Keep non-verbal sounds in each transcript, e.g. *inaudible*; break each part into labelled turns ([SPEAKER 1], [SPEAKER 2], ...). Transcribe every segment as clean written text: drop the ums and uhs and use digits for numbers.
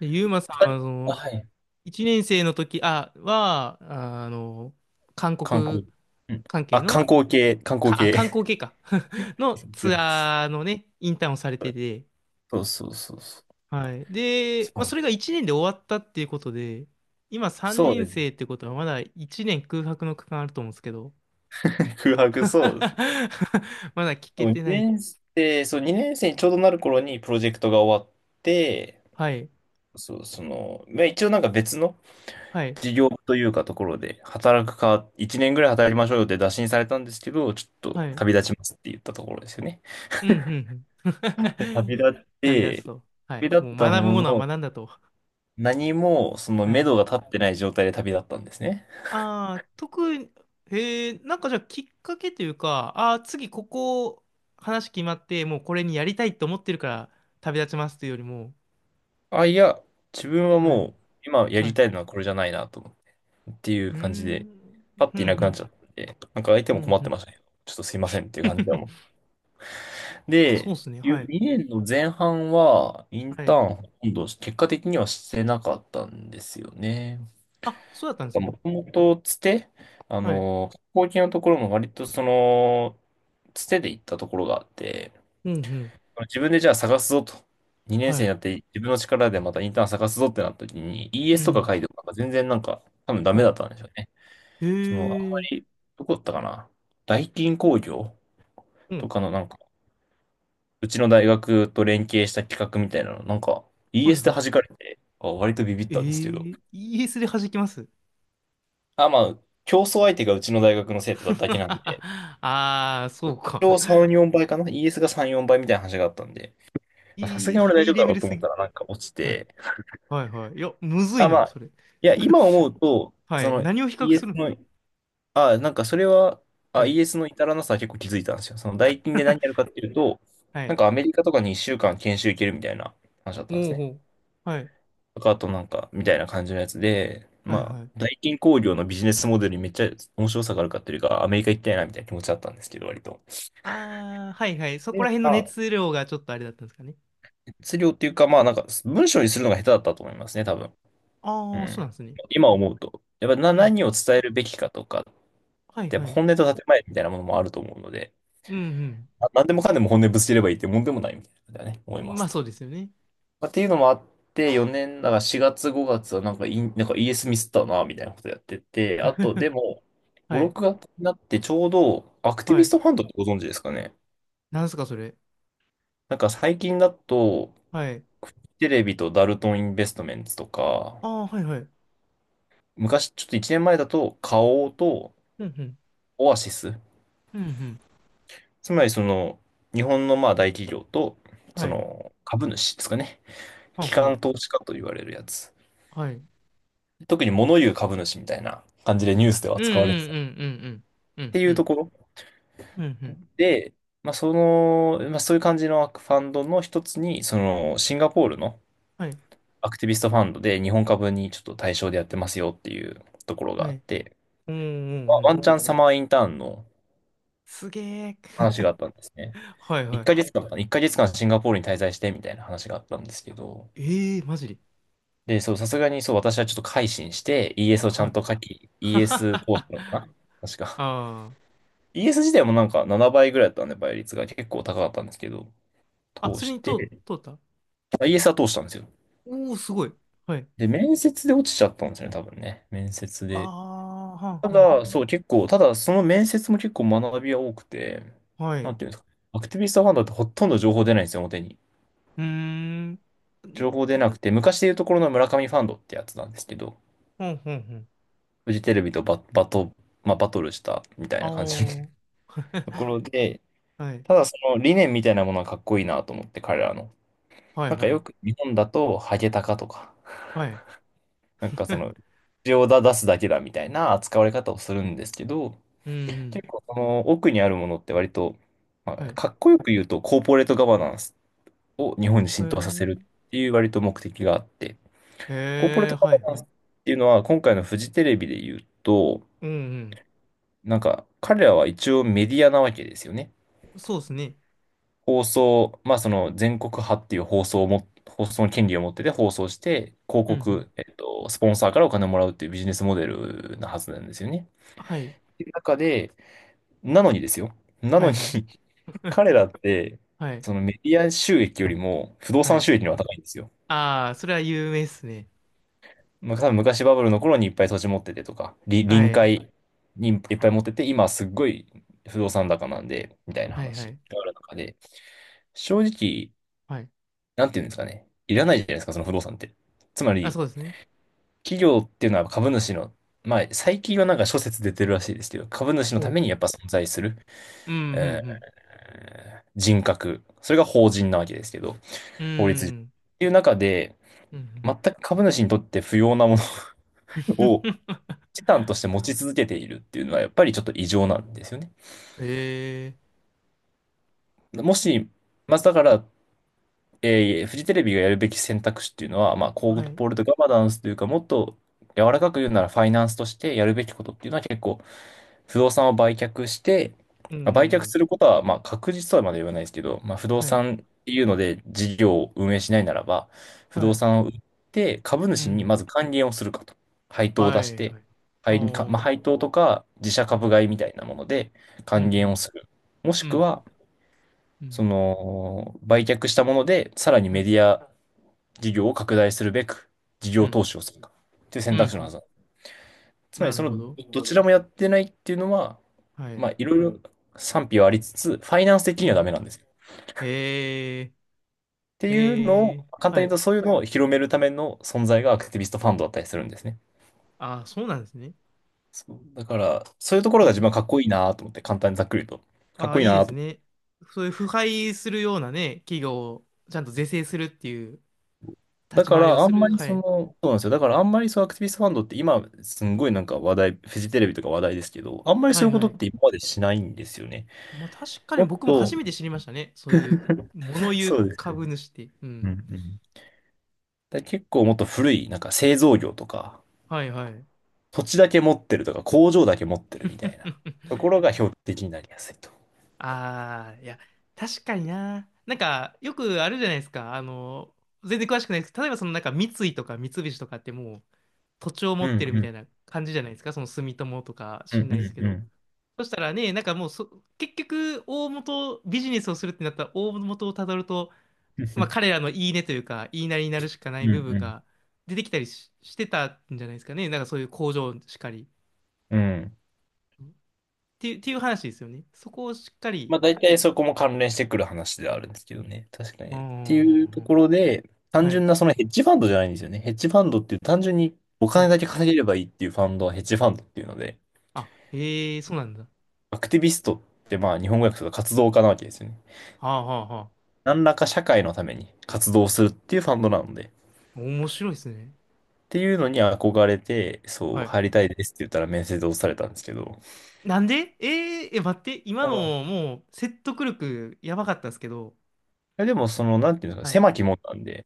[SPEAKER 1] で、ユーマさんは、そ
[SPEAKER 2] あ、
[SPEAKER 1] の、
[SPEAKER 2] はい。
[SPEAKER 1] 1年生の時、あ、は、ああの、韓
[SPEAKER 2] 観
[SPEAKER 1] 国
[SPEAKER 2] 光。うん。
[SPEAKER 1] 関係
[SPEAKER 2] あ、観
[SPEAKER 1] の、
[SPEAKER 2] 光系、観光
[SPEAKER 1] 観
[SPEAKER 2] 系。
[SPEAKER 1] 光系か *laughs* のツ
[SPEAKER 2] *laughs*
[SPEAKER 1] アーのね、インターンをされてて、
[SPEAKER 2] そうそうそうそう。
[SPEAKER 1] はい。
[SPEAKER 2] そ
[SPEAKER 1] で、まあ、
[SPEAKER 2] う
[SPEAKER 1] それが1年で終わったっていうことで、今3
[SPEAKER 2] そうで
[SPEAKER 1] 年生
[SPEAKER 2] す。
[SPEAKER 1] ってことはまだ1年空白の区間あると思うんですけど、
[SPEAKER 2] *laughs* 空白、
[SPEAKER 1] *laughs*
[SPEAKER 2] そうです。
[SPEAKER 1] まだ聞
[SPEAKER 2] そ
[SPEAKER 1] け
[SPEAKER 2] う、
[SPEAKER 1] てない。
[SPEAKER 2] 2年生、そう、2年生にちょうどなる頃にプロジェクトが終わって、
[SPEAKER 1] はい。
[SPEAKER 2] そう、その、まあ、一応なんか別の
[SPEAKER 1] はい。
[SPEAKER 2] 事業というかところで、働くか、1年ぐらい働きましょうよって打診されたんですけど、ちょっと
[SPEAKER 1] はい。
[SPEAKER 2] 旅立ちますって言ったところですよね。
[SPEAKER 1] うん、うん、うん。
[SPEAKER 2] で旅
[SPEAKER 1] *laughs*
[SPEAKER 2] 立っ
[SPEAKER 1] 旅立
[SPEAKER 2] て、
[SPEAKER 1] つと。は
[SPEAKER 2] 旅
[SPEAKER 1] い。
[SPEAKER 2] 立
[SPEAKER 1] も
[SPEAKER 2] っ
[SPEAKER 1] う
[SPEAKER 2] たも
[SPEAKER 1] 学ぶ
[SPEAKER 2] の
[SPEAKER 1] ものは
[SPEAKER 2] の、
[SPEAKER 1] 学んだと。
[SPEAKER 2] 何もその
[SPEAKER 1] は
[SPEAKER 2] 目
[SPEAKER 1] い。
[SPEAKER 2] 処が立ってない状態で旅立ったんですね。
[SPEAKER 1] ああ、特に、へえ、なんかじゃあきっかけというか、ああ、次ここ話決まって、もうこれにやりたいと思ってるから旅立ちますというよりも、
[SPEAKER 2] あ、いや、自分は
[SPEAKER 1] は
[SPEAKER 2] も
[SPEAKER 1] い、
[SPEAKER 2] う、今や
[SPEAKER 1] は
[SPEAKER 2] り
[SPEAKER 1] い。
[SPEAKER 2] たいのはこれじゃないなと、っていう
[SPEAKER 1] うー
[SPEAKER 2] 感じで、
[SPEAKER 1] ん、
[SPEAKER 2] パッ
[SPEAKER 1] ふ
[SPEAKER 2] てい
[SPEAKER 1] ん
[SPEAKER 2] なく
[SPEAKER 1] ふ
[SPEAKER 2] なっ
[SPEAKER 1] ん、
[SPEAKER 2] ちゃって、なんか相手
[SPEAKER 1] ふ
[SPEAKER 2] も
[SPEAKER 1] ん
[SPEAKER 2] 困っ
[SPEAKER 1] ふ
[SPEAKER 2] て
[SPEAKER 1] ん。
[SPEAKER 2] ましたね。ちょっとすいませんっていう感じだもん。
[SPEAKER 1] *laughs* そうっ
[SPEAKER 2] で、
[SPEAKER 1] すね、はい、
[SPEAKER 2] 2年の前半は、イン
[SPEAKER 1] は
[SPEAKER 2] ター
[SPEAKER 1] い。
[SPEAKER 2] ンほとんど結果的にはしてなかったんですよね。
[SPEAKER 1] あ、そうだったん
[SPEAKER 2] なん
[SPEAKER 1] で
[SPEAKER 2] か
[SPEAKER 1] すね。
[SPEAKER 2] もともとつて、
[SPEAKER 1] はい。
[SPEAKER 2] 後期のところも割とその、つてで行ったところがあって、
[SPEAKER 1] うんうん、
[SPEAKER 2] 自分でじゃあ探すぞと。2年
[SPEAKER 1] は
[SPEAKER 2] 生に
[SPEAKER 1] い。
[SPEAKER 2] なって自分の力でまたインターン探すぞってなった時に
[SPEAKER 1] う
[SPEAKER 2] ES とか
[SPEAKER 1] ん、
[SPEAKER 2] 書いてもなんか全然なんか多分ダ
[SPEAKER 1] は
[SPEAKER 2] メだ
[SPEAKER 1] い。
[SPEAKER 2] ったんでしょうね。
[SPEAKER 1] へ
[SPEAKER 2] そのあん
[SPEAKER 1] え
[SPEAKER 2] ま
[SPEAKER 1] ー、
[SPEAKER 2] り、どこだったかな。大金工業
[SPEAKER 1] う
[SPEAKER 2] と
[SPEAKER 1] ん、
[SPEAKER 2] かのなんか、うちの大学と連携した企画みたいなの、なんか
[SPEAKER 1] はい
[SPEAKER 2] ES で
[SPEAKER 1] は
[SPEAKER 2] 弾
[SPEAKER 1] い。
[SPEAKER 2] かれて、あ、割とビビっ
[SPEAKER 1] え
[SPEAKER 2] たんですけど。
[SPEAKER 1] え、イーエスで弾きます
[SPEAKER 2] あ、まあ、競争相手がうちの大学の生徒だっただけなんで、
[SPEAKER 1] *laughs* ああー、そうか。
[SPEAKER 2] 今日3、4倍かな？ ES が3、4倍みたいな話があったんで、まあさす
[SPEAKER 1] いい、
[SPEAKER 2] がに俺
[SPEAKER 1] ハ
[SPEAKER 2] 大丈
[SPEAKER 1] イ
[SPEAKER 2] 夫
[SPEAKER 1] レ
[SPEAKER 2] だ
[SPEAKER 1] ベ
[SPEAKER 2] ろう
[SPEAKER 1] ル
[SPEAKER 2] と思
[SPEAKER 1] す
[SPEAKER 2] った
[SPEAKER 1] ぎ。
[SPEAKER 2] らなんか落ち
[SPEAKER 1] はい
[SPEAKER 2] て、
[SPEAKER 1] はいはい。いや、むずい
[SPEAKER 2] あ、ま
[SPEAKER 1] な、
[SPEAKER 2] あ、
[SPEAKER 1] それ。
[SPEAKER 2] いや、今思う
[SPEAKER 1] *laughs*
[SPEAKER 2] と、
[SPEAKER 1] は
[SPEAKER 2] そ
[SPEAKER 1] い。
[SPEAKER 2] の
[SPEAKER 1] 何を比較す
[SPEAKER 2] ES
[SPEAKER 1] るの
[SPEAKER 2] の、あ、なんかそれは、
[SPEAKER 1] は
[SPEAKER 2] あ、イ
[SPEAKER 1] い。
[SPEAKER 2] ーエスの至らなさは結構気づいたんですよ。その代金で何やるかっ
[SPEAKER 1] *laughs*
[SPEAKER 2] ていうと、
[SPEAKER 1] は
[SPEAKER 2] なん
[SPEAKER 1] い。
[SPEAKER 2] かアメリカとかに1週間研修行けるみたいな話だったんで
[SPEAKER 1] お
[SPEAKER 2] す
[SPEAKER 1] うほ
[SPEAKER 2] ね。
[SPEAKER 1] う。はい。
[SPEAKER 2] とか、あとなんか、みたいな感じのやつで、
[SPEAKER 1] はい
[SPEAKER 2] まあ、
[SPEAKER 1] はい。
[SPEAKER 2] 代金工業のビジネスモデルにめっちゃ面白さがあるかっていうか、アメリカ行きたいなみたいな気持ちだったんですけど、割と。
[SPEAKER 1] ああ、はいはい。そこら
[SPEAKER 2] で、
[SPEAKER 1] 辺
[SPEAKER 2] ま
[SPEAKER 1] の
[SPEAKER 2] あ、
[SPEAKER 1] 熱量がちょっとあれだったんですかね。
[SPEAKER 2] 質量っていうか、まあなんか、文章にするのが下手だったと思いますね、多分。う
[SPEAKER 1] ああ、そうなん
[SPEAKER 2] ん。
[SPEAKER 1] ですね。
[SPEAKER 2] 今思うと。やっぱな、
[SPEAKER 1] うん
[SPEAKER 2] 何
[SPEAKER 1] う
[SPEAKER 2] を
[SPEAKER 1] ん。
[SPEAKER 2] 伝えるべきかとか、
[SPEAKER 1] はい
[SPEAKER 2] やっ
[SPEAKER 1] は
[SPEAKER 2] ぱ
[SPEAKER 1] い。
[SPEAKER 2] 本音と建前みたいなものもあると思うので、
[SPEAKER 1] うん
[SPEAKER 2] 何でもかんでも本音ぶつければいいってもんでもないみたいなことだね、
[SPEAKER 1] う
[SPEAKER 2] 思いま
[SPEAKER 1] ん。ま
[SPEAKER 2] す
[SPEAKER 1] あ
[SPEAKER 2] と。
[SPEAKER 1] そうですよね。
[SPEAKER 2] まあ、っていうのもあって、4年、だから4月5月はなんかイン、なんかイーエスミスったな、みたいなことやってて、あとで
[SPEAKER 1] *laughs*
[SPEAKER 2] も、5、
[SPEAKER 1] はい。
[SPEAKER 2] 6月になってちょうど、アクティ
[SPEAKER 1] は
[SPEAKER 2] ビス
[SPEAKER 1] い。
[SPEAKER 2] トファンドってご存知ですかね。
[SPEAKER 1] なんすか、それ。
[SPEAKER 2] なんか最近だと、
[SPEAKER 1] はい。
[SPEAKER 2] フジテレビとダルトンインベストメンツとか、
[SPEAKER 1] ああ、はいはい。うん
[SPEAKER 2] 昔、ちょっと1年前だと、花王と
[SPEAKER 1] うん。
[SPEAKER 2] オアシス、
[SPEAKER 1] うんうん。
[SPEAKER 2] つまりその日本のまあ大企業と
[SPEAKER 1] は
[SPEAKER 2] そ
[SPEAKER 1] い。
[SPEAKER 2] の株主ですかね。
[SPEAKER 1] はん
[SPEAKER 2] 機
[SPEAKER 1] はん。
[SPEAKER 2] 関投資家と言われるやつ。
[SPEAKER 1] はい。うん
[SPEAKER 2] 特に物言う株主みたいな感じでニュースでは
[SPEAKER 1] うんうん
[SPEAKER 2] 扱われてたっ
[SPEAKER 1] うんうん。うん
[SPEAKER 2] てい
[SPEAKER 1] う
[SPEAKER 2] うと
[SPEAKER 1] ん。
[SPEAKER 2] ころ
[SPEAKER 1] うんうん。
[SPEAKER 2] で、まあ、その、まあ、そういう感じのファンドの一つに、そのシンガポールの
[SPEAKER 1] はい。
[SPEAKER 2] アクティビストファンドで日本株にちょっと対象でやってますよっていうところが
[SPEAKER 1] は
[SPEAKER 2] あっ
[SPEAKER 1] い。
[SPEAKER 2] て、
[SPEAKER 1] うんう
[SPEAKER 2] ま
[SPEAKER 1] ん
[SPEAKER 2] あ
[SPEAKER 1] う
[SPEAKER 2] ワ
[SPEAKER 1] ん。
[SPEAKER 2] ンチャンサマーインターンの
[SPEAKER 1] すげえ。
[SPEAKER 2] 話があっ
[SPEAKER 1] *laughs*
[SPEAKER 2] たんですね。
[SPEAKER 1] はいは
[SPEAKER 2] 1か
[SPEAKER 1] い。
[SPEAKER 2] 月間かんかな、1ヶ月間シンガポールに滞在してみたいな話があったんですけど、
[SPEAKER 1] ええー、マジで。
[SPEAKER 2] で、そう、さすがにそう、私はちょっと改心して ES をちゃ
[SPEAKER 1] は
[SPEAKER 2] ん
[SPEAKER 1] い。
[SPEAKER 2] と書き、
[SPEAKER 1] *laughs*
[SPEAKER 2] ES 講師なのか
[SPEAKER 1] あ
[SPEAKER 2] な確か。
[SPEAKER 1] あ。
[SPEAKER 2] ES 自体もなんか7倍ぐらいだったんで、倍率が結構高かったんですけど、
[SPEAKER 1] あ、
[SPEAKER 2] 通
[SPEAKER 1] それ
[SPEAKER 2] し
[SPEAKER 1] に通、
[SPEAKER 2] て、
[SPEAKER 1] 通った
[SPEAKER 2] あ ES は通したんですよ。
[SPEAKER 1] おおー、すごい。はい。
[SPEAKER 2] で、面接で落ちちゃったんですよね、多分ね。面接
[SPEAKER 1] あ
[SPEAKER 2] で。
[SPEAKER 1] あ、はん
[SPEAKER 2] た
[SPEAKER 1] はん。
[SPEAKER 2] だ、そう、結構、ただ、その面接も結構学びは多くて、
[SPEAKER 1] はい。
[SPEAKER 2] なん
[SPEAKER 1] う
[SPEAKER 2] ていうんですか。アクティビストファンドってほとんど情報出ないんですよ、表に。
[SPEAKER 1] ーん。ん
[SPEAKER 2] 情報出なくて、昔でいうところの村上ファンドってやつなんですけど、
[SPEAKER 1] ほんほんほん。
[SPEAKER 2] フジテレビとバ、バト、まあ、バトルしたみたい
[SPEAKER 1] あ
[SPEAKER 2] な感じ
[SPEAKER 1] お。
[SPEAKER 2] ところで、
[SPEAKER 1] *laughs* はい。
[SPEAKER 2] ただその理念みたいなものはかっこいいなと思って、彼らの。
[SPEAKER 1] はい
[SPEAKER 2] なんか
[SPEAKER 1] は
[SPEAKER 2] よ
[SPEAKER 1] い。
[SPEAKER 2] く日本だと、ハゲタカとか、
[SPEAKER 1] はい。
[SPEAKER 2] なんかそ
[SPEAKER 1] *laughs*
[SPEAKER 2] の、口を出すだけだみたいな扱われ方をするんですけど、
[SPEAKER 1] うんうん。
[SPEAKER 2] 結構その奥にあるものって割と、ま
[SPEAKER 1] は
[SPEAKER 2] あ、
[SPEAKER 1] い。
[SPEAKER 2] かっこよく言うと、コーポレートガバナンスを日本に
[SPEAKER 1] へ
[SPEAKER 2] 浸透させるっていう割と目的があって、
[SPEAKER 1] え。
[SPEAKER 2] コーポレー
[SPEAKER 1] へえ、
[SPEAKER 2] トガ
[SPEAKER 1] は
[SPEAKER 2] バ
[SPEAKER 1] い
[SPEAKER 2] ナ
[SPEAKER 1] は
[SPEAKER 2] ンスっ
[SPEAKER 1] い。
[SPEAKER 2] ていうのは、今回のフジテレビで言うと、
[SPEAKER 1] うんうん。
[SPEAKER 2] なんか彼らは一応メディアなわけですよね。
[SPEAKER 1] そうですね。
[SPEAKER 2] 放送、まあその全国派っていう放送をも、放送の権利を持ってて放送して、広
[SPEAKER 1] うんうん。
[SPEAKER 2] 告、スポンサーからお金をもらうっていうビジネスモデルなはずなんですよね。
[SPEAKER 1] はい。
[SPEAKER 2] っていう中で、なのにですよ。な
[SPEAKER 1] は
[SPEAKER 2] の
[SPEAKER 1] い
[SPEAKER 2] に
[SPEAKER 1] はい。
[SPEAKER 2] *laughs* 彼らって、
[SPEAKER 1] はい。
[SPEAKER 2] そのメディア収益よりも不動
[SPEAKER 1] は
[SPEAKER 2] 産
[SPEAKER 1] い。
[SPEAKER 2] 収益の方が高いんですよ。
[SPEAKER 1] ああ、それは有名っすね。
[SPEAKER 2] まあ、多分昔バブルの頃にいっぱい土地持っててとか、
[SPEAKER 1] は
[SPEAKER 2] 臨
[SPEAKER 1] い。
[SPEAKER 2] 海にいっぱい持ってて、今すっごい不動産高なんで、みたいな
[SPEAKER 1] はい
[SPEAKER 2] 話
[SPEAKER 1] はい。
[SPEAKER 2] がある中で、正直、
[SPEAKER 1] はい。
[SPEAKER 2] なんていうんですかね。いらないじゃないですか、その不動産って。つま
[SPEAKER 1] あ、
[SPEAKER 2] り、
[SPEAKER 1] そうですね。
[SPEAKER 2] 企業っていうのは株主の、まあ、最近はなんか諸説出てるらしいですけど、株主の
[SPEAKER 1] う
[SPEAKER 2] ため
[SPEAKER 1] ん。
[SPEAKER 2] にやっぱ存在する、
[SPEAKER 1] うん、う
[SPEAKER 2] え
[SPEAKER 1] ん、
[SPEAKER 2] ー人格。それが法人なわけですけど、
[SPEAKER 1] う
[SPEAKER 2] 法律上。っ
[SPEAKER 1] ん。
[SPEAKER 2] ていう中で、
[SPEAKER 1] うん、うん。
[SPEAKER 2] 全く株主にとって不要なもの *laughs* を資
[SPEAKER 1] *laughs*
[SPEAKER 2] 産として持ち続けているっていうのは、やっぱりちょっと異常なんですよね。
[SPEAKER 1] ええ
[SPEAKER 2] もし、まずだから、フジテレビがやるべき選択肢っていうのは、まあ、コー
[SPEAKER 1] はい。
[SPEAKER 2] ポレートガバナンスというか、もっと柔らかく言うならファイナンスとしてやるべきことっていうのは結構、不動産を売却して、
[SPEAKER 1] う
[SPEAKER 2] まあ売却
[SPEAKER 1] ん。
[SPEAKER 2] することは、まあ、確実とはまだ言わないですけど、まあ、不動
[SPEAKER 1] はい。
[SPEAKER 2] 産っていうので事業を運営しないならば、不
[SPEAKER 1] は
[SPEAKER 2] 動
[SPEAKER 1] い。
[SPEAKER 2] 産を売って株
[SPEAKER 1] う
[SPEAKER 2] 主にま
[SPEAKER 1] ん。
[SPEAKER 2] ず還元をするかと。配当を
[SPEAKER 1] は
[SPEAKER 2] 出し
[SPEAKER 1] い、
[SPEAKER 2] て、
[SPEAKER 1] はい。ああ。
[SPEAKER 2] まあ、
[SPEAKER 1] う
[SPEAKER 2] 配当とか自社
[SPEAKER 1] ん。
[SPEAKER 2] 株買いみたいなもので
[SPEAKER 1] う
[SPEAKER 2] 還元を
[SPEAKER 1] ん、
[SPEAKER 2] する。もし
[SPEAKER 1] う
[SPEAKER 2] く
[SPEAKER 1] ん。
[SPEAKER 2] は、
[SPEAKER 1] うん。
[SPEAKER 2] その、売却したもので、さらに
[SPEAKER 1] は
[SPEAKER 2] メデ
[SPEAKER 1] い。
[SPEAKER 2] ィア事業を拡大するべく、事
[SPEAKER 1] う
[SPEAKER 2] 業
[SPEAKER 1] ん。
[SPEAKER 2] 投資をするか、っていう
[SPEAKER 1] う
[SPEAKER 2] 選
[SPEAKER 1] ん。う
[SPEAKER 2] 択肢のは
[SPEAKER 1] ん
[SPEAKER 2] ずだ。つま
[SPEAKER 1] な
[SPEAKER 2] り、そ
[SPEAKER 1] る
[SPEAKER 2] の、
[SPEAKER 1] ほど。
[SPEAKER 2] どちらもやってないっていうのは、
[SPEAKER 1] はい。
[SPEAKER 2] まあ、いろいろ賛否はありつつ、ファイナンス的には
[SPEAKER 1] は
[SPEAKER 2] ダメ
[SPEAKER 1] い。
[SPEAKER 2] なんですよ。っ
[SPEAKER 1] え
[SPEAKER 2] て
[SPEAKER 1] え
[SPEAKER 2] いうの
[SPEAKER 1] ええ
[SPEAKER 2] を、簡
[SPEAKER 1] は
[SPEAKER 2] 単に言う
[SPEAKER 1] い。
[SPEAKER 2] と、そういうのを広めるための存在がアクティビストファンドだったりするんですね。
[SPEAKER 1] ああ、そうなんですね。
[SPEAKER 2] そう、だから、そういうところ
[SPEAKER 1] は
[SPEAKER 2] が自分
[SPEAKER 1] い。
[SPEAKER 2] はかっこいいなと思って、簡単にざっくり言うと。かっ
[SPEAKER 1] ああ、
[SPEAKER 2] こいい
[SPEAKER 1] いいで
[SPEAKER 2] な
[SPEAKER 1] す
[SPEAKER 2] と。
[SPEAKER 1] ね。そういう腐敗するようなね、企業をちゃんと是正するっていう
[SPEAKER 2] だ
[SPEAKER 1] 立ち
[SPEAKER 2] か
[SPEAKER 1] 回り
[SPEAKER 2] ら、
[SPEAKER 1] を
[SPEAKER 2] あ
[SPEAKER 1] す
[SPEAKER 2] んま
[SPEAKER 1] る。
[SPEAKER 2] り
[SPEAKER 1] は
[SPEAKER 2] その、
[SPEAKER 1] い。
[SPEAKER 2] そうなんですよ。だから、あんまりアクティビストファンドって今、すんごい話題、フジテレビとか話題ですけど、あんまり
[SPEAKER 1] は
[SPEAKER 2] そうい
[SPEAKER 1] い、
[SPEAKER 2] うこと
[SPEAKER 1] は
[SPEAKER 2] って
[SPEAKER 1] い。
[SPEAKER 2] 今までしないんですよね。
[SPEAKER 1] まあ確かに
[SPEAKER 2] もっ
[SPEAKER 1] 僕も
[SPEAKER 2] と、
[SPEAKER 1] 初めて知りましたね。そういう、物言
[SPEAKER 2] そ
[SPEAKER 1] う
[SPEAKER 2] うですよ
[SPEAKER 1] 株
[SPEAKER 2] ね。
[SPEAKER 1] 主って。う
[SPEAKER 2] うんう
[SPEAKER 1] ん。
[SPEAKER 2] ん。結構もっと古い、なんか製造業とか、
[SPEAKER 1] はいはい。
[SPEAKER 2] 土地だけ持ってるとか、工場だけ持ってるみたいなと
[SPEAKER 1] *laughs*
[SPEAKER 2] ころが標的になりやすいと。
[SPEAKER 1] ああ、いや、確かにな。なんか、よくあるじゃないですか。あの、全然詳しくないですけど、例えばそのなんか三井とか三菱とかってもう土地を持
[SPEAKER 2] う
[SPEAKER 1] って
[SPEAKER 2] ん
[SPEAKER 1] る
[SPEAKER 2] う
[SPEAKER 1] みた
[SPEAKER 2] ん。
[SPEAKER 1] いな感じじゃないですか。その住友とか
[SPEAKER 2] うん
[SPEAKER 1] 知んないです
[SPEAKER 2] う
[SPEAKER 1] け
[SPEAKER 2] んう
[SPEAKER 1] ど。
[SPEAKER 2] ん。
[SPEAKER 1] そしたらね、なんかもうそ、結局、大元、ビジネスをするってなったら大元をたどると、まあ、彼
[SPEAKER 2] *laughs*
[SPEAKER 1] らの言い値というか、言いなりになるしかな
[SPEAKER 2] う
[SPEAKER 1] い
[SPEAKER 2] ん
[SPEAKER 1] 部分
[SPEAKER 2] うん。
[SPEAKER 1] が出てきたりしてたんじゃないですかね。なんかそういう工場しかり。
[SPEAKER 2] うん
[SPEAKER 1] っていう、っていう話ですよね。そこをしっかり。
[SPEAKER 2] まあ大体そこも関連してくる話ではあるんですけどね。確か
[SPEAKER 1] う
[SPEAKER 2] に。
[SPEAKER 1] ん
[SPEAKER 2] っ
[SPEAKER 1] う
[SPEAKER 2] て
[SPEAKER 1] んう
[SPEAKER 2] いう
[SPEAKER 1] ん
[SPEAKER 2] と
[SPEAKER 1] う
[SPEAKER 2] こ
[SPEAKER 1] ん。
[SPEAKER 2] ろで、単
[SPEAKER 1] はい。
[SPEAKER 2] 純なそのヘッジファンドじゃないんですよね。ヘッジファンドっていう単純にお
[SPEAKER 1] は
[SPEAKER 2] 金
[SPEAKER 1] い。
[SPEAKER 2] だけ稼げればいいっていうファンドはヘッジファンドっていうので、
[SPEAKER 1] あ、ええそうなんだ。は
[SPEAKER 2] アクティビストってまあ日本語訳すると活動家なわけですよね。
[SPEAKER 1] あはあは
[SPEAKER 2] 何らか社会のために活動するっていうファンドなので、っ
[SPEAKER 1] あ。面白いですね。
[SPEAKER 2] ていうのに憧れて、そう、
[SPEAKER 1] はい。
[SPEAKER 2] 入りたいですって言ったら面接で落とされたんですけど、
[SPEAKER 1] なんでえー、え、待って。今
[SPEAKER 2] あ
[SPEAKER 1] の
[SPEAKER 2] の、
[SPEAKER 1] もう説得力やばかったですけど。
[SPEAKER 2] でもなんていうんです
[SPEAKER 1] は
[SPEAKER 2] か、
[SPEAKER 1] い。い
[SPEAKER 2] 狭き門なんで、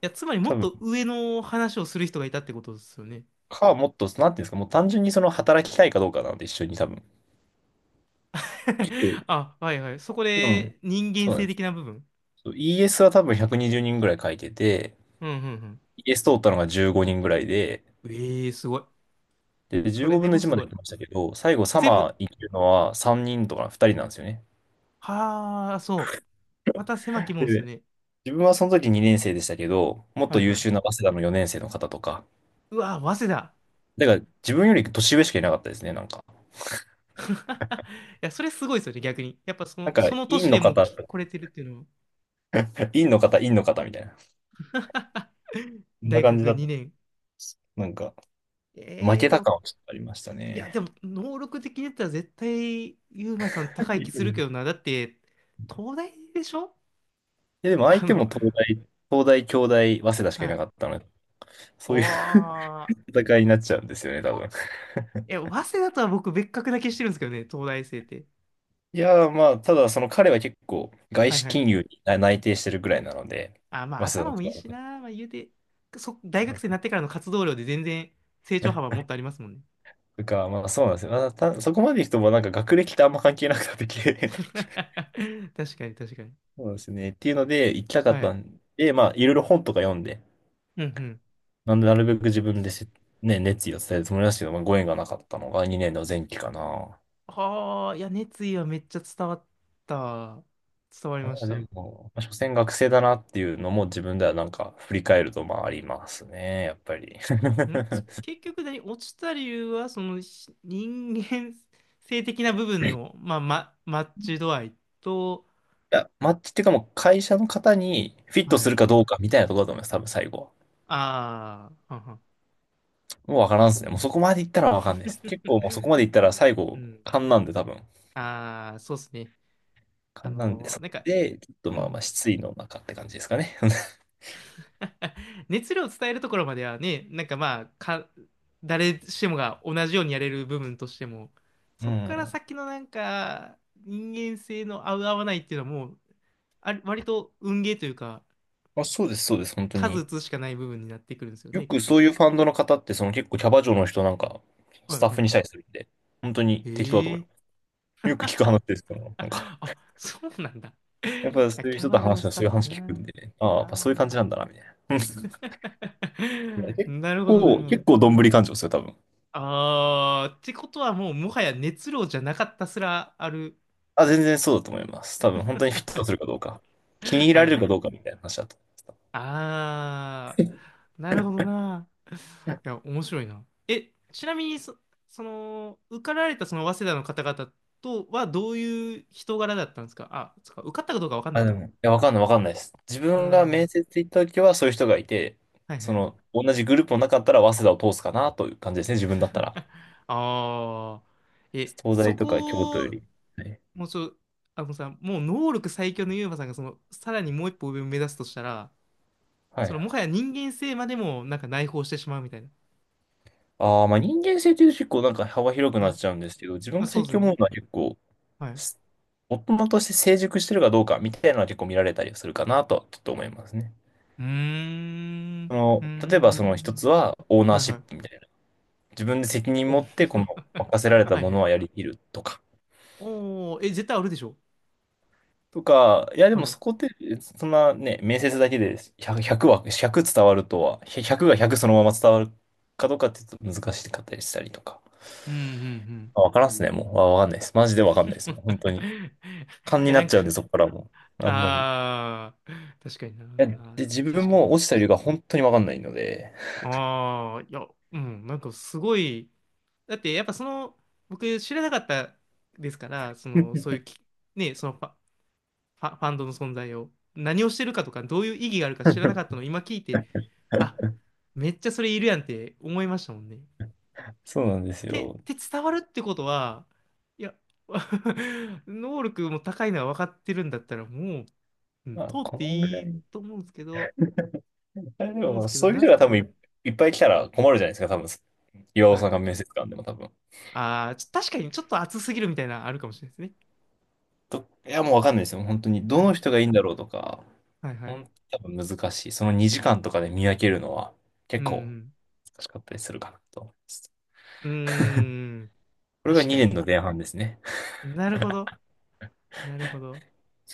[SPEAKER 1] や、つまりも
[SPEAKER 2] 多
[SPEAKER 1] っ
[SPEAKER 2] 分、
[SPEAKER 1] と上の話をする人がいたってことですよね。
[SPEAKER 2] もっと、なんていうんですか、もう単純にその働きたいかどうかなんで一緒に多分。結構、
[SPEAKER 1] *laughs* あ、はいはい。そこ
[SPEAKER 2] うん。
[SPEAKER 1] で人間
[SPEAKER 2] そうなん
[SPEAKER 1] 性
[SPEAKER 2] です。
[SPEAKER 1] 的な部分。
[SPEAKER 2] そう ES は多分120人ぐらい書いてて、
[SPEAKER 1] うんうん
[SPEAKER 2] ES 通ったのが15人ぐらいで、
[SPEAKER 1] うん。ええー、すごい。
[SPEAKER 2] で、
[SPEAKER 1] そ
[SPEAKER 2] 15
[SPEAKER 1] れで
[SPEAKER 2] 分の
[SPEAKER 1] も
[SPEAKER 2] 1
[SPEAKER 1] す
[SPEAKER 2] まで
[SPEAKER 1] ご
[SPEAKER 2] 行
[SPEAKER 1] い。
[SPEAKER 2] きましたけど、最後サ
[SPEAKER 1] 全
[SPEAKER 2] マ
[SPEAKER 1] 部、
[SPEAKER 2] ー行けるのは3人とか2人なんですよね。
[SPEAKER 1] はあ、そう。また狭きもんです
[SPEAKER 2] で、
[SPEAKER 1] ね。
[SPEAKER 2] 自分はその時2年生でしたけど、もっ
[SPEAKER 1] はい
[SPEAKER 2] と優
[SPEAKER 1] は
[SPEAKER 2] 秀な
[SPEAKER 1] い。
[SPEAKER 2] 早稲田の4年生の方とか、
[SPEAKER 1] うわー、早稲田。
[SPEAKER 2] だから自分より年上しかいなかったですね、なんか。
[SPEAKER 1] *laughs* いや、それすごいですよね、逆に。やっぱその、その
[SPEAKER 2] 院
[SPEAKER 1] 年
[SPEAKER 2] の
[SPEAKER 1] でもう
[SPEAKER 2] 方、
[SPEAKER 1] 来れてるっていうのは。
[SPEAKER 2] *laughs* 院の方、院の方みたいな。
[SPEAKER 1] *laughs*
[SPEAKER 2] そんな
[SPEAKER 1] 大
[SPEAKER 2] 感じ
[SPEAKER 1] 学
[SPEAKER 2] だった。
[SPEAKER 1] 2年。
[SPEAKER 2] なんか、負
[SPEAKER 1] ええー、
[SPEAKER 2] け
[SPEAKER 1] で
[SPEAKER 2] た
[SPEAKER 1] も、
[SPEAKER 2] 感はちょっとありました
[SPEAKER 1] いや、で
[SPEAKER 2] ね。
[SPEAKER 1] も、能力的に言ったら絶対、ユうマさん高い気するけど
[SPEAKER 2] *laughs*
[SPEAKER 1] な。だって、東大でしょ
[SPEAKER 2] や、でも
[SPEAKER 1] *laughs*
[SPEAKER 2] 相
[SPEAKER 1] あ
[SPEAKER 2] 手も
[SPEAKER 1] の、
[SPEAKER 2] 東大、京大、早稲田しかい
[SPEAKER 1] は
[SPEAKER 2] なか
[SPEAKER 1] い。
[SPEAKER 2] ったので、
[SPEAKER 1] お
[SPEAKER 2] そういう *laughs*
[SPEAKER 1] ー。
[SPEAKER 2] 戦いになっちゃうんですよね、多分。*laughs*
[SPEAKER 1] え、早稲田とは僕別格な気してるんですけどね、東大生って。
[SPEAKER 2] いやー、まあ、ただ、その彼は結構、外
[SPEAKER 1] はい
[SPEAKER 2] 資
[SPEAKER 1] は
[SPEAKER 2] 金
[SPEAKER 1] い。
[SPEAKER 2] 融に内定してるぐらいなので、
[SPEAKER 1] あ、まあ
[SPEAKER 2] 早稲
[SPEAKER 1] 頭も
[SPEAKER 2] 田
[SPEAKER 1] いい
[SPEAKER 2] の
[SPEAKER 1] し
[SPEAKER 2] 方
[SPEAKER 1] な、まあ言うて、そ、
[SPEAKER 2] そ
[SPEAKER 1] 大学
[SPEAKER 2] の、
[SPEAKER 1] 生になってからの活動量で全然成長幅
[SPEAKER 2] *laughs*
[SPEAKER 1] もっとありますもんね。
[SPEAKER 2] とか、まあ、そうなんですよ。まあ、そこまで行くと、まあ、なんか学歴ってあんま関係なくなってきて *laughs*
[SPEAKER 1] *laughs* 確かに確かに。
[SPEAKER 2] そうですね。っていうので、行きたか
[SPEAKER 1] は
[SPEAKER 2] った
[SPEAKER 1] い。
[SPEAKER 2] んで、まあ、いろいろ本とか読んで、
[SPEAKER 1] うんうん。
[SPEAKER 2] なんで、なるべく自分でせ、ね、熱意を伝えるつもりなんですけど、まあ、ご縁がなかったのが2年の前期かな。
[SPEAKER 1] はあ、いや、熱意はめっちゃ伝わった。伝わりまし
[SPEAKER 2] あで
[SPEAKER 1] た。
[SPEAKER 2] も、まあ所詮学生だなっていうのも自分ではなんか振り返るとまあありますね、やっぱり。*laughs*
[SPEAKER 1] 結局何、落ちた理由は、その人間性的な部分の、
[SPEAKER 2] い
[SPEAKER 1] まあ、ま、マッチ度合いと、
[SPEAKER 2] や、マッチっていうかもう会社の方にフィット
[SPEAKER 1] は
[SPEAKER 2] す
[SPEAKER 1] い。
[SPEAKER 2] るかどうかみたいなところだと思います、多分最後は。
[SPEAKER 1] ああ、はんはん
[SPEAKER 2] もうわからんですね。もうそこまでいったらわかんないです。結
[SPEAKER 1] *laughs*
[SPEAKER 2] 構もうそこまでいったら最
[SPEAKER 1] う
[SPEAKER 2] 後、
[SPEAKER 1] ん。
[SPEAKER 2] 勘なんで多分。
[SPEAKER 1] ああ、そうですね。あ
[SPEAKER 2] 勘なんで、
[SPEAKER 1] の
[SPEAKER 2] そ
[SPEAKER 1] ーなんか、
[SPEAKER 2] れで、ちょっと
[SPEAKER 1] う
[SPEAKER 2] まあまあ
[SPEAKER 1] ん。
[SPEAKER 2] 失意の中って感じですかね。*laughs*
[SPEAKER 1] *laughs* 熱量を伝えるところまではね、なんかまあ、か、誰しもが同じようにやれる部分としても、
[SPEAKER 2] う
[SPEAKER 1] そっから
[SPEAKER 2] ん。
[SPEAKER 1] 先のなんか、人間性の合う合わないっていうのはもう、あ割と運ゲーというか、
[SPEAKER 2] まあそうです、そうです、本当
[SPEAKER 1] 数打
[SPEAKER 2] に。
[SPEAKER 1] つしかない部分になってくるんですよ
[SPEAKER 2] よ
[SPEAKER 1] ね、きっ
[SPEAKER 2] くそ
[SPEAKER 1] と。
[SPEAKER 2] ういうファンドの方ってその結構キャバ嬢の人なんか
[SPEAKER 1] は
[SPEAKER 2] ス
[SPEAKER 1] い
[SPEAKER 2] タッ
[SPEAKER 1] は
[SPEAKER 2] フにし
[SPEAKER 1] い。
[SPEAKER 2] たりするんで、本当に適当だと思い
[SPEAKER 1] ええ
[SPEAKER 2] ます。よく聞く話ですから、な
[SPEAKER 1] あ、
[SPEAKER 2] んか、
[SPEAKER 1] あ、そうなんだ。
[SPEAKER 2] *laughs* やっ
[SPEAKER 1] い
[SPEAKER 2] ぱそ
[SPEAKER 1] や
[SPEAKER 2] ういう
[SPEAKER 1] キャ
[SPEAKER 2] 人と
[SPEAKER 1] バ嬢
[SPEAKER 2] 話は
[SPEAKER 1] スタ
[SPEAKER 2] そ
[SPEAKER 1] ッ
[SPEAKER 2] ういう
[SPEAKER 1] フ
[SPEAKER 2] 話聞く
[SPEAKER 1] な。
[SPEAKER 2] んで、ああ、やっ
[SPEAKER 1] あ
[SPEAKER 2] ぱそういう感じなんだな、みたいな。*laughs* うん
[SPEAKER 1] ー *laughs* なるほど、なるほ
[SPEAKER 2] 結
[SPEAKER 1] ど。
[SPEAKER 2] 構どんぶり感情ですよ、多分。
[SPEAKER 1] ああ、ってことはもう、もはや熱量じゃなかったすらある
[SPEAKER 2] あ、全然そうだと思います。多分、本当にフィットするかどうか。気に
[SPEAKER 1] *laughs*
[SPEAKER 2] 入
[SPEAKER 1] は
[SPEAKER 2] ら
[SPEAKER 1] い
[SPEAKER 2] れる
[SPEAKER 1] は
[SPEAKER 2] か
[SPEAKER 1] い。
[SPEAKER 2] どうかみたいな話だと思います。
[SPEAKER 1] あー、なるほどな。
[SPEAKER 2] うん
[SPEAKER 1] いや、面白いな。え、ちなみにそ、その、受かられたその早稲田の方々とはどういう人柄だったんですかあ、そっか、受かったかどうかわかんな
[SPEAKER 2] あ、
[SPEAKER 1] い
[SPEAKER 2] で
[SPEAKER 1] か。
[SPEAKER 2] も、いや、わかんないです。自
[SPEAKER 1] う
[SPEAKER 2] 分が面
[SPEAKER 1] ん。
[SPEAKER 2] 接行った時はそういう人がいて、
[SPEAKER 1] はい
[SPEAKER 2] そ
[SPEAKER 1] はい。
[SPEAKER 2] の、同じグループの中だったら、早稲田を通すかなという感じですね、自分だったら。
[SPEAKER 1] *laughs* ああ、え、
[SPEAKER 2] 東大
[SPEAKER 1] そ
[SPEAKER 2] とか京都よ
[SPEAKER 1] こ、
[SPEAKER 2] り。はい。
[SPEAKER 1] もうちょ、あのさ、もう能力最強のユーマさんが、その、さらにもう一歩上を目指すとしたら、
[SPEAKER 2] は
[SPEAKER 1] そ
[SPEAKER 2] い
[SPEAKER 1] の、もはや人間性までも、なんか内包してしまうみたいな。
[SPEAKER 2] ああ、まあ人間性というと結構なんか幅広く
[SPEAKER 1] は
[SPEAKER 2] なっ
[SPEAKER 1] い。
[SPEAKER 2] ちゃうんですけど、自分
[SPEAKER 1] まあ、
[SPEAKER 2] が
[SPEAKER 1] そう
[SPEAKER 2] 最
[SPEAKER 1] です
[SPEAKER 2] 近思
[SPEAKER 1] ね。
[SPEAKER 2] うのは結構、
[SPEAKER 1] はい
[SPEAKER 2] す大人として成熟してるかどうかみたいなのは結構見られたりするかなとはちょっと思いますね。
[SPEAKER 1] うーん。
[SPEAKER 2] そ
[SPEAKER 1] うー
[SPEAKER 2] の、例えばその一
[SPEAKER 1] ん。
[SPEAKER 2] つはオーナ
[SPEAKER 1] は
[SPEAKER 2] ー
[SPEAKER 1] い
[SPEAKER 2] シ
[SPEAKER 1] は
[SPEAKER 2] ップみ
[SPEAKER 1] い。
[SPEAKER 2] たいな。自分で責任
[SPEAKER 1] お
[SPEAKER 2] 持ってこの任せられ
[SPEAKER 1] *laughs*
[SPEAKER 2] た
[SPEAKER 1] はい
[SPEAKER 2] も
[SPEAKER 1] は
[SPEAKER 2] の
[SPEAKER 1] い。
[SPEAKER 2] はやりきるとか。
[SPEAKER 1] おお、え、絶対あるでしょ。
[SPEAKER 2] とか、いやで
[SPEAKER 1] はい。
[SPEAKER 2] も
[SPEAKER 1] う
[SPEAKER 2] そ
[SPEAKER 1] ん
[SPEAKER 2] こって、そんなね、面接だけで100、ひゃくは、1伝わるとは、100が100そのまま伝わるかどうかってちょっと難しかったりしたりとか。
[SPEAKER 1] うんうん。
[SPEAKER 2] まあわからんっすね、もう。わかんないです。マジでわか
[SPEAKER 1] *laughs*
[SPEAKER 2] んないです。もう本当に。
[SPEAKER 1] い
[SPEAKER 2] 勘に
[SPEAKER 1] や、
[SPEAKER 2] な
[SPEAKER 1] な
[SPEAKER 2] っ
[SPEAKER 1] ん
[SPEAKER 2] ち
[SPEAKER 1] か、
[SPEAKER 2] ゃうんで、そこからも。あんまり。い
[SPEAKER 1] ああ、確かにな。
[SPEAKER 2] やで、自分
[SPEAKER 1] 確かに
[SPEAKER 2] も
[SPEAKER 1] な。
[SPEAKER 2] 落ちた理由が本当にわかんないので。
[SPEAKER 1] ああ、いや、うん、なんかすごい、だってやっぱその、僕知らなかったですから、その、そういうき、ね、そのパ、ファ、ファンドの存在を。何をしてるかとか、どういう意義があるか知らなかったの
[SPEAKER 2] *laughs*
[SPEAKER 1] を今聞いて、あ、めっちゃそれいるやんって思いましたもんね。
[SPEAKER 2] そうなんです
[SPEAKER 1] で、
[SPEAKER 2] よ。
[SPEAKER 1] で伝わるってことは、いや、*laughs* 能力も高いのは分かってるんだったら、もう、うん
[SPEAKER 2] まあ、
[SPEAKER 1] 通っ
[SPEAKER 2] こ
[SPEAKER 1] て
[SPEAKER 2] のぐら
[SPEAKER 1] いい
[SPEAKER 2] い。
[SPEAKER 1] と思うんですけど、
[SPEAKER 2] あれで
[SPEAKER 1] 思うんで
[SPEAKER 2] も、
[SPEAKER 1] すけど、
[SPEAKER 2] そういう
[SPEAKER 1] なん
[SPEAKER 2] 人
[SPEAKER 1] す
[SPEAKER 2] が
[SPEAKER 1] か
[SPEAKER 2] 多分
[SPEAKER 1] ね。
[SPEAKER 2] い、いっぱい来たら困るじゃないですか、多分。岩尾
[SPEAKER 1] は
[SPEAKER 2] さん
[SPEAKER 1] い。
[SPEAKER 2] が面接官でも多分。
[SPEAKER 1] ああ、ちょ確かにちょっと熱すぎるみたいなのあるかもしれないですね。
[SPEAKER 2] と、いや、もうわかんないですよ。本当に。
[SPEAKER 1] は
[SPEAKER 2] どの
[SPEAKER 1] い。
[SPEAKER 2] 人がいいんだろうとか、
[SPEAKER 1] はいは
[SPEAKER 2] ほ
[SPEAKER 1] い。
[SPEAKER 2] ん、多分難しい。その2時間とかで見分けるのは
[SPEAKER 1] う
[SPEAKER 2] 結構
[SPEAKER 1] ん
[SPEAKER 2] 難しかったりするかなと思います。
[SPEAKER 1] うん。うーん。
[SPEAKER 2] これが
[SPEAKER 1] 確か
[SPEAKER 2] 2
[SPEAKER 1] に。
[SPEAKER 2] 年の前半ですね。
[SPEAKER 1] なるほど。なるほど。